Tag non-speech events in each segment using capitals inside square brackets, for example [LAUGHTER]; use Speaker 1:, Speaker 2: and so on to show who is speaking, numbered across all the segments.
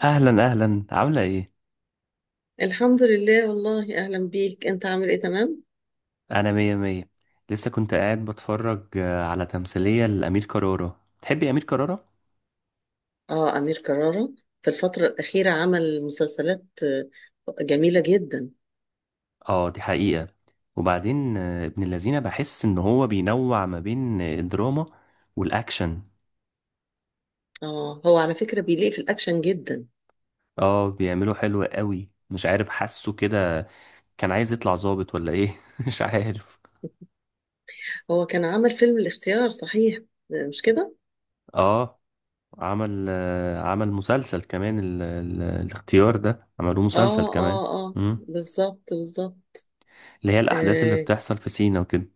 Speaker 1: اهلا اهلا، عامله ايه؟
Speaker 2: الحمد لله والله أهلا بيك، أنت عامل إيه؟ تمام؟
Speaker 1: انا مية مية. لسه كنت قاعد بتفرج على تمثيلية لأمير كرارة. تحبي أمير كرارة؟
Speaker 2: آه، أمير كرارة في الفترة الأخيرة عمل مسلسلات جميلة جدا.
Speaker 1: اه، دي حقيقة. وبعدين ابن اللذينة، بحس ان هو بينوع ما بين الدراما والاكشن.
Speaker 2: آه، هو على فكرة بيليق في الأكشن جدا.
Speaker 1: اه، بيعمله حلو قوي، مش عارف، حاسه كده. كان عايز يطلع ظابط ولا ايه [LAUGHS] مش عارف.
Speaker 2: هو كان عمل فيلم الاختيار، صحيح؟ مش كده؟
Speaker 1: اه، عمل مسلسل كمان، ال ال الاختيار ده عملوه مسلسل
Speaker 2: آه
Speaker 1: كمان.
Speaker 2: آه آه
Speaker 1: مم.
Speaker 2: بالظبط بالظبط.
Speaker 1: اللي هي الاحداث اللي
Speaker 2: آه
Speaker 1: بتحصل في سينا وكده.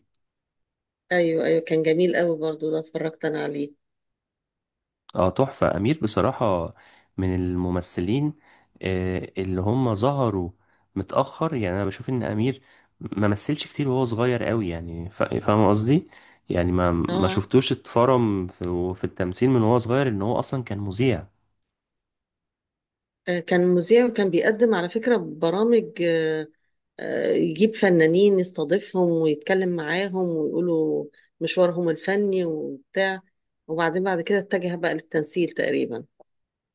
Speaker 2: أيوه أيوه، كان جميل قوي برضو ده، اتفرجت أنا عليه.
Speaker 1: اه، تحفة أمير بصراحة، من الممثلين اللي هم ظهروا متأخر. يعني أنا بشوف إن أمير ما مثلش كتير وهو صغير قوي، يعني فاهم قصدي. يعني ما
Speaker 2: آه
Speaker 1: شفتوش اتفرم في التمثيل من وهو صغير، إن هو أصلا كان مذيع.
Speaker 2: كان مذيع وكان بيقدم على فكرة برامج، يجيب فنانين يستضيفهم ويتكلم معاهم ويقولوا مشوارهم الفني وبتاع. وبعدين بعد كده اتجه بقى للتمثيل تقريبا.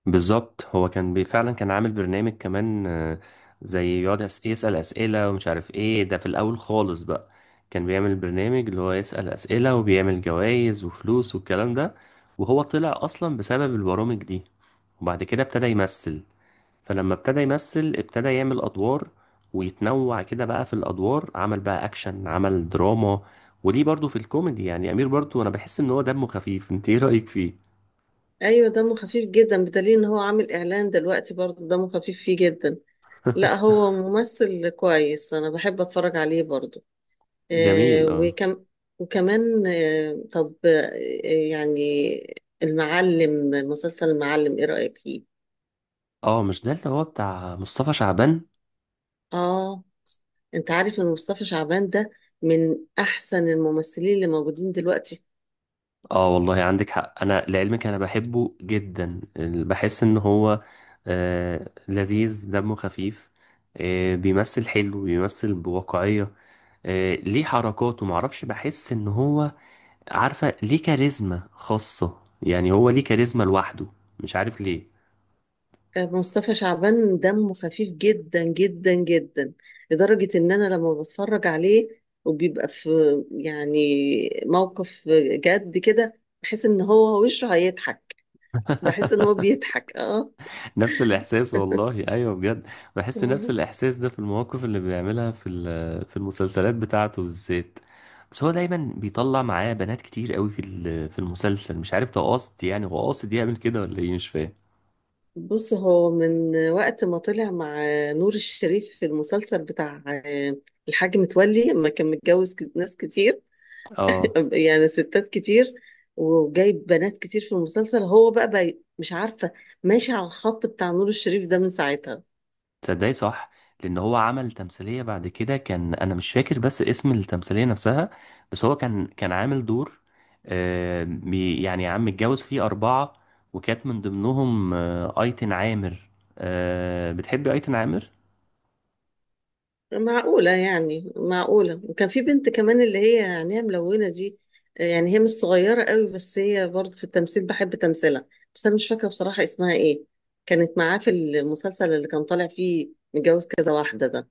Speaker 1: بالظبط، هو كان فعلا كان عامل برنامج كمان، زي يقعد يسأل أسئلة، ومش عارف ايه ده في الأول خالص بقى. كان بيعمل برنامج اللي هو يسأل أسئلة، وبيعمل جوائز وفلوس والكلام ده، وهو طلع أصلا بسبب البرامج دي. وبعد كده ابتدى يمثل. فلما ابتدى يمثل، ابتدى يعمل أدوار ويتنوع كده بقى في الأدوار. عمل بقى أكشن، عمل دراما، وليه برضو في الكوميدي. يعني أمير برضو أنا بحس إن هو دمه خفيف. انت ايه رأيك فيه؟
Speaker 2: ايوه دمه خفيف جدا، بدليل ان هو عامل اعلان دلوقتي برضه دمه خفيف فيه جدا. لا هو ممثل كويس، انا بحب اتفرج عليه برضه. آه
Speaker 1: جميل، اه.
Speaker 2: وكم وكمان آه طب آه يعني المعلم، مسلسل المعلم ايه رأيك فيه؟
Speaker 1: اه، مش ده اللي هو بتاع مصطفى شعبان؟
Speaker 2: اه، انت عارف ان مصطفى شعبان ده من احسن الممثلين اللي موجودين دلوقتي.
Speaker 1: اه والله، عندك حق، انا لعلمك انا بحبه جدا. بحس ان هو لذيذ، دمه خفيف، بيمثل حلو، بيمثل بواقعية، ليه حركاته، معرفش، بحس ان هو، عارفة، ليه كاريزما خاصة. يعني هو ليه كاريزما لوحده، مش عارف ليه.
Speaker 2: آه، مصطفى شعبان دمه خفيف جدا جدا جدا، لدرجة ان انا لما بتفرج عليه وبيبقى في يعني موقف جد كده بحس ان هو وشه هيضحك، بحس ان هو بيضحك. اه.
Speaker 1: نفس الإحساس والله، أيوه بجد. بحس نفس
Speaker 2: آه.
Speaker 1: الإحساس ده في المواقف اللي بيعملها في في المسلسلات بتاعته بالذات. بس هو دايما بيطلع معاه بنات كتير قوي في في المسلسل. مش عارف ده قاصد، يعني هو قاصد يعمل كده ولا إيه، مش فاهم.
Speaker 2: بص، هو من وقت ما طلع مع نور الشريف في المسلسل بتاع الحاج متولي لما كان متجوز ناس كتير،
Speaker 1: اه
Speaker 2: يعني ستات كتير، وجايب بنات كتير في المسلسل، هو بقى، مش عارفة، ماشي على الخط بتاع نور الشريف ده من ساعتها.
Speaker 1: تصدقي، صح، لان هو عمل تمثيليه بعد كده، كان انا مش فاكر بس اسم التمثيليه نفسها، بس هو كان عامل دور، يعني عم متجوز فيه اربعه، وكانت من ضمنهم ايتن عامر. بتحبي ايتن عامر؟
Speaker 2: معقولة يعني؟ معقولة. وكان في بنت كمان اللي هي عينيها ملونة دي، يعني هي مش صغيرة قوي، بس هي برضه في التمثيل بحب تمثيلها. بس أنا مش فاكرة بصراحة اسمها إيه، كانت معاه في المسلسل اللي كان طالع فيه متجوز كذا واحدة ده.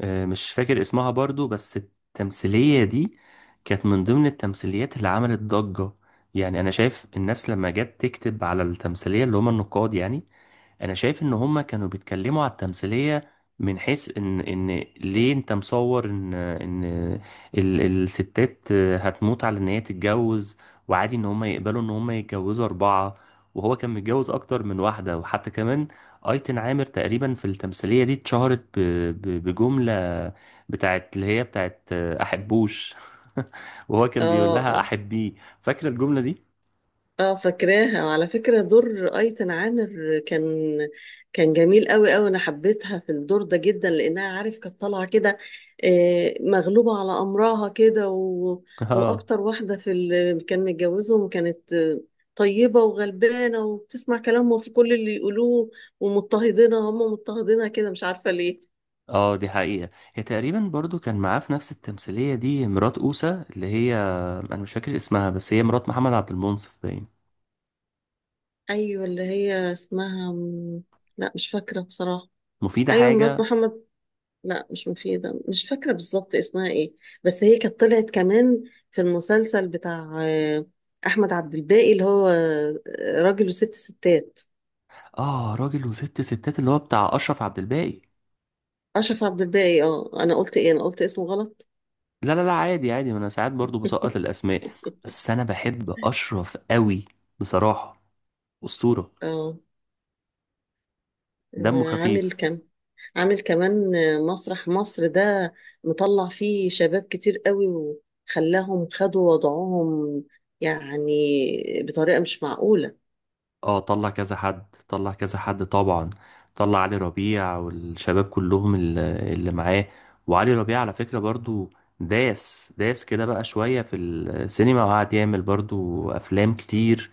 Speaker 1: مش فاكر اسمها برضو، بس التمثيليه دي كانت من ضمن التمثيليات اللي عملت ضجه. يعني انا شايف الناس لما جت تكتب على التمثيليه، اللي هم النقاد يعني، انا شايف ان هما كانوا بيتكلموا على التمثيلية من حيث ان ليه انت مصور ان الستات هتموت على ان هي تتجوز، وعادي ان هما يقبلوا ان هما يتجوزوا اربعة. وهو كان متجوز اكتر من واحدة، وحتى كمان ايتن عامر تقريبا في التمثيلية دي اتشهرت بجملة، بتاعت اللي هي بتاعت احبوش، [LAUGHS] وهو كان بيقول
Speaker 2: اه.
Speaker 1: لها
Speaker 2: آه.
Speaker 1: احبيه. فاكرة الجملة دي؟
Speaker 2: اه، فاكراها. وعلى فكرة دور ايتن عامر كان كان جميل قوي قوي، انا حبيتها في الدور ده جدا، لانها عارف كانت طالعة كده مغلوبة على امرها كده و...
Speaker 1: [LAUGHS] اه.
Speaker 2: واكتر واحدة في اللي كان متجوزهم كانت طيبة وغلبانة وبتسمع كلامهم في كل اللي يقولوه، ومضطهدينها، هم مضطهدينها كده مش عارفة ليه.
Speaker 1: اه، دي حقيقة. هي تقريبا برضو كان معاه في نفس التمثيلية دي مرات أوسة، اللي هي أنا مش فاكر اسمها، بس هي مرات محمد عبد المنصف باين.
Speaker 2: ايوه اللي هي اسمها لا مش فاكرة بصراحة.
Speaker 1: مفيدة
Speaker 2: ايوه مرات
Speaker 1: حاجة.
Speaker 2: محمد، لا مش مفيدة، مش فاكرة بالظبط اسمها ايه. بس هي كانت طلعت كمان في المسلسل بتاع أحمد عبد الباقي اللي هو راجل وست ستات.
Speaker 1: اه، راجل وست ستات اللي هو بتاع أشرف عبد الباقي.
Speaker 2: أشرف عبد الباقي، اه أنا قلت ايه، أنا قلت اسمه غلط.
Speaker 1: لا لا لا، عادي عادي، ما أنا ساعات برضو بسقط
Speaker 2: [LAUGHS]
Speaker 1: الأسماء. بس أنا بحب أشرف قوي، بصراحة، أسطورة،
Speaker 2: اه.
Speaker 1: دمه
Speaker 2: آه، عامل
Speaker 1: خفيف.
Speaker 2: كم عامل كمان مسرح مصر ده مطلع فيه شباب كتير قوي وخلاهم خدوا وضعهم يعني بطريقة مش معقولة.
Speaker 1: اه، طلع كذا حد، طلع كذا حد، طبعا. طلع علي ربيع والشباب كلهم اللي معاه. وعلي ربيع على فكرة برضو داس داس كده بقى شوية في السينما، وقعد يعمل برضو أفلام كتير،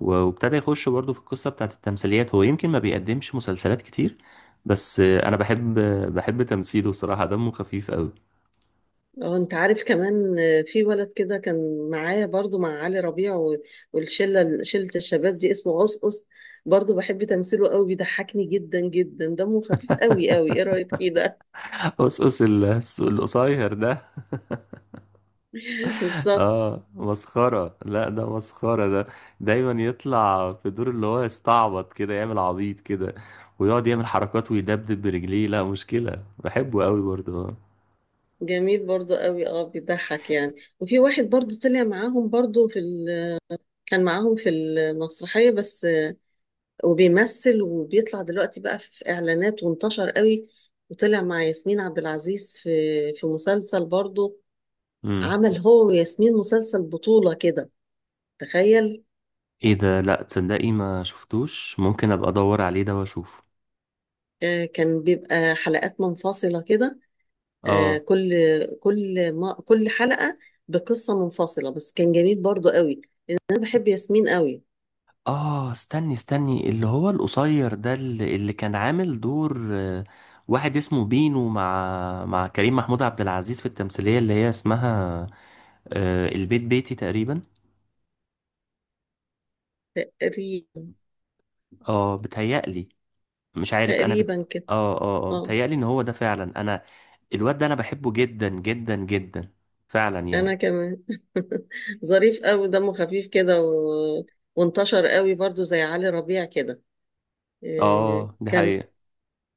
Speaker 1: و- وابتدى يخش برضو في القصة بتاعت التمثيليات. هو يمكن ما بيقدمش مسلسلات كتير، بس أنا بحب تمثيله، صراحة دمه خفيف أوي.
Speaker 2: اه انت عارف كمان، في ولد كده كان معايا برضو مع علي ربيع والشله الشباب دي اسمه قصقص، برضو بحب تمثيله قوي، بيضحكني جدا جدا، دمه خفيف قوي قوي، ايه رايك فيه ده؟
Speaker 1: [LAUGHS] قصقص، القصير ده.
Speaker 2: [LAUGHS] بالظبط.
Speaker 1: اه مسخرة، لا ده مسخرة ده. دايما يطلع في دور اللي هو يستعبط كده، يعمل عبيط كده، ويقعد يعمل حركات ويدبدب برجليه. لا مشكلة، بحبه قوي برضه، اه.
Speaker 2: جميل برضو قوي، اه بيضحك يعني. وفي واحد برضو طلع معاهم برضو في ال... كان معاهم في المسرحيه بس، وبيمثل وبيطلع دلوقتي بقى في اعلانات وانتشر قوي، وطلع مع ياسمين عبد العزيز في في مسلسل برضو.
Speaker 1: امم.
Speaker 2: عمل هو وياسمين مسلسل بطولة كده، تخيل.
Speaker 1: ايه ده؟ لا تصدقي ما شفتوش، ممكن ابقى ادور عليه ده واشوفه.
Speaker 2: آه، كان بيبقى حلقات منفصلة كده. آه،
Speaker 1: اه
Speaker 2: كل كل ما كل حلقة بقصة منفصلة، بس كان جميل برضو قوي، لأن أنا بحب ياسمين قوي.
Speaker 1: اه، استني استني، اللي هو القصير ده اللي كان عامل دور، واحد اسمه بينو، مع كريم محمود عبد العزيز في التمثيلية اللي هي اسمها البيت بيتي تقريبا.
Speaker 2: تقريبا.
Speaker 1: اه بتهيألي، مش عارف انا
Speaker 2: تقريبا كده.
Speaker 1: اه اه اه،
Speaker 2: اه
Speaker 1: بتهيألي ان هو ده فعلا، انا الواد ده انا بحبه جدا جدا جدا فعلا
Speaker 2: أنا
Speaker 1: يعني.
Speaker 2: كمان. [LAUGHS] ظريف قوي، دمه خفيف كده و... وانتشر قوي برضو زي علي ربيع كده. آه،
Speaker 1: اه، دي
Speaker 2: كان
Speaker 1: حقيقة.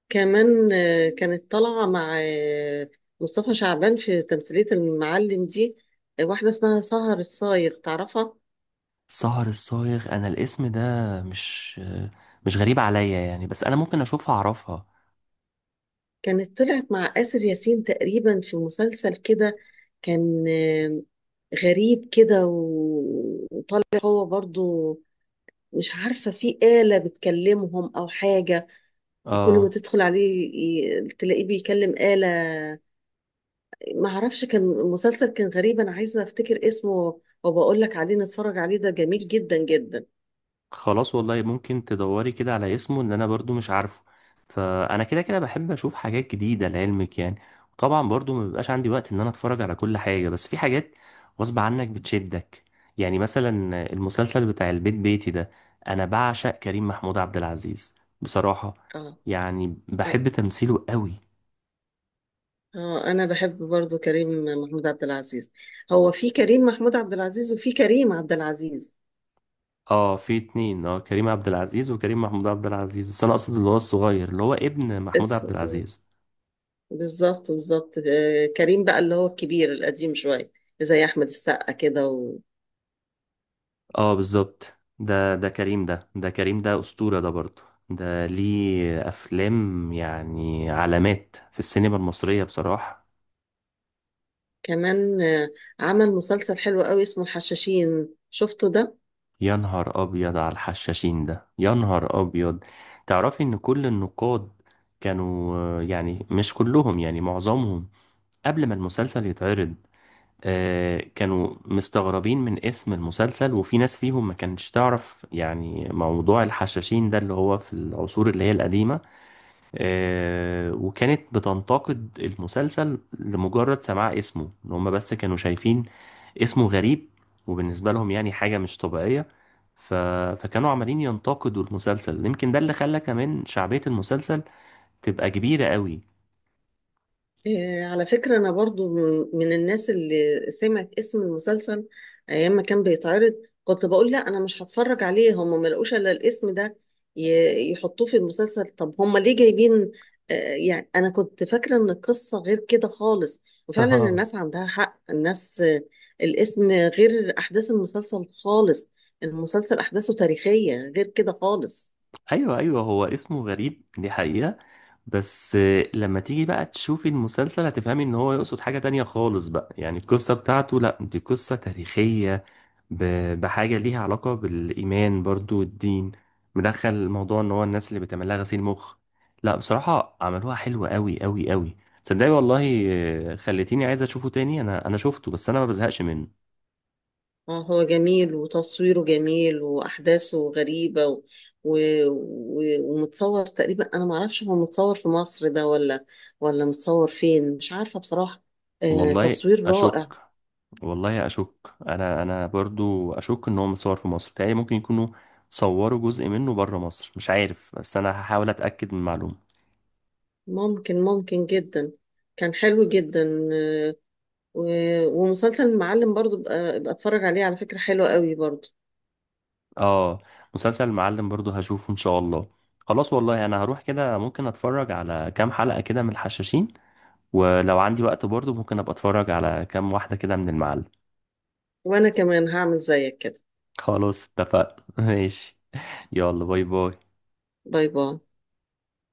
Speaker 2: كمان كانت طالعة مع مصطفى شعبان في تمثيلية المعلم دي واحدة اسمها سهر الصايغ، تعرفها؟
Speaker 1: سهر الصايغ، انا الاسم ده مش مش غريب عليا يعني، بس انا ممكن اشوفها اعرفها.
Speaker 2: كانت طلعت مع آسر ياسين تقريبا في مسلسل كده، كان غريب كده وطالع هو برضو مش عارفة في آلة بتكلمهم أو حاجة، وكل ما
Speaker 1: اه
Speaker 2: تدخل عليه تلاقيه بيكلم آلة. ما اعرفش، كان مسلسل كان غريب، انا عايزه افتكر اسمه وبقول لك عليه، نتفرج عليه ده جميل جدا جدا.
Speaker 1: خلاص والله، ممكن تدوري كده على اسمه، ان انا برضو مش عارفه. فانا كده كده بحب اشوف حاجات جديدة لعلمك يعني. وطبعا برضو ما بيبقاش عندي وقت ان انا اتفرج على كل حاجة، بس في حاجات غصب عنك بتشدك، يعني مثلا المسلسل بتاع البيت بيتي ده. انا بعشق كريم محمود عبد العزيز، بصراحة،
Speaker 2: اه.
Speaker 1: يعني
Speaker 2: أنا-
Speaker 1: بحب تمثيله قوي.
Speaker 2: اه انا بحب برضو كريم محمود عبد العزيز. هو في كريم محمود عبد العزيز وفي كريم عبد العزيز.
Speaker 1: اه، في اتنين، اه، كريم عبد العزيز وكريم محمود عبد العزيز، بس انا اقصد اللي هو الصغير، اللي هو ابن محمود
Speaker 2: اس
Speaker 1: عبد
Speaker 2: م.
Speaker 1: العزيز.
Speaker 2: بالظبط بالظبط. كريم بقى اللي هو الكبير القديم شويه، زي احمد السقا كده.
Speaker 1: اه بالظبط، ده كريم، ده كريم، ده أسطورة ده برضه، ده ليه أفلام يعني علامات في السينما المصرية بصراحة.
Speaker 2: وكمان عمل مسلسل حلو قوي اسمه الحشاشين، شفته ده؟
Speaker 1: يا نهار أبيض على الحشاشين ده، يا نهار أبيض. تعرفي إن كل النقاد كانوا، يعني مش كلهم يعني معظمهم، قبل ما المسلسل يتعرض، كانوا مستغربين من اسم المسلسل، وفي ناس فيهم ما كانتش تعرف يعني موضوع الحشاشين ده اللي هو في العصور اللي هي القديمة. وكانت بتنتقد المسلسل لمجرد سماع اسمه، ان هم بس كانوا شايفين اسمه غريب، وبالنسبة لهم يعني حاجة مش طبيعية. ف... فكانوا عمالين ينتقدوا المسلسل، يمكن ده اللي خلى كمان شعبية المسلسل تبقى كبيرة قوي.
Speaker 2: على فكرة أنا برضو من الناس اللي سمعت اسم المسلسل أيام ما كان بيتعرض كنت بقول لا أنا مش هتفرج عليه، هم ما لقوش إلا الاسم ده يحطوه في المسلسل، طب هم ليه جايبين يعني أنا كنت فاكرة إن القصة غير كده خالص. وفعلا الناس
Speaker 1: [LAUGHS]
Speaker 2: عندها حق، الناس الاسم غير أحداث المسلسل خالص، المسلسل أحداثه تاريخية غير كده خالص.
Speaker 1: ايوه ايوه، هو اسمه غريب دي حقيقة. بس لما تيجي بقى تشوفي المسلسل هتفهمي ان هو يقصد حاجة تانية خالص بقى، يعني القصة بتاعته لا، دي قصة تاريخية، بحاجة ليها علاقة بالإيمان برضو والدين، مدخل موضوع إن هو الناس اللي بتعمل لها غسيل مخ. لا بصراحة عملوها حلوة أوي أوي أوي، صدقني والله. خليتيني عايز أشوفه تاني، أنا شفته بس أنا ما بزهقش منه.
Speaker 2: اه هو جميل، وتصويره جميل، واحداثه غريبه و... و... و... ومتصور تقريبا، انا ما اعرفش هو متصور في مصر ده ولا ولا متصور فين، مش عارفه بصراحه. آه
Speaker 1: والله
Speaker 2: تصوير رائع.
Speaker 1: أشك. والله أشك أنا برضو أشك إن هو متصور في مصر تاني. ممكن يكونوا صوروا جزء منه بره مصر، مش عارف، بس أنا هحاول أتأكد من المعلومة.
Speaker 2: ممكن ممكن جدا. كان حلو جدا، آه. و... ومسلسل المعلم برضو بقى اتفرج عليه على فكره، حلوه قوي برضو.
Speaker 1: اه، مسلسل المعلم برضو هشوفه ان شاء الله. خلاص والله، انا هروح كده ممكن اتفرج على كام حلقة كده من الحشاشين، ولو عندي وقت برضو ممكن ابقى اتفرج على كام واحدة كده من المعلم.
Speaker 2: وانا كمان هعمل زيك كده.
Speaker 1: خلاص اتفقنا [LAUGHS] ماشي. يلا باي باي.
Speaker 2: باي باي.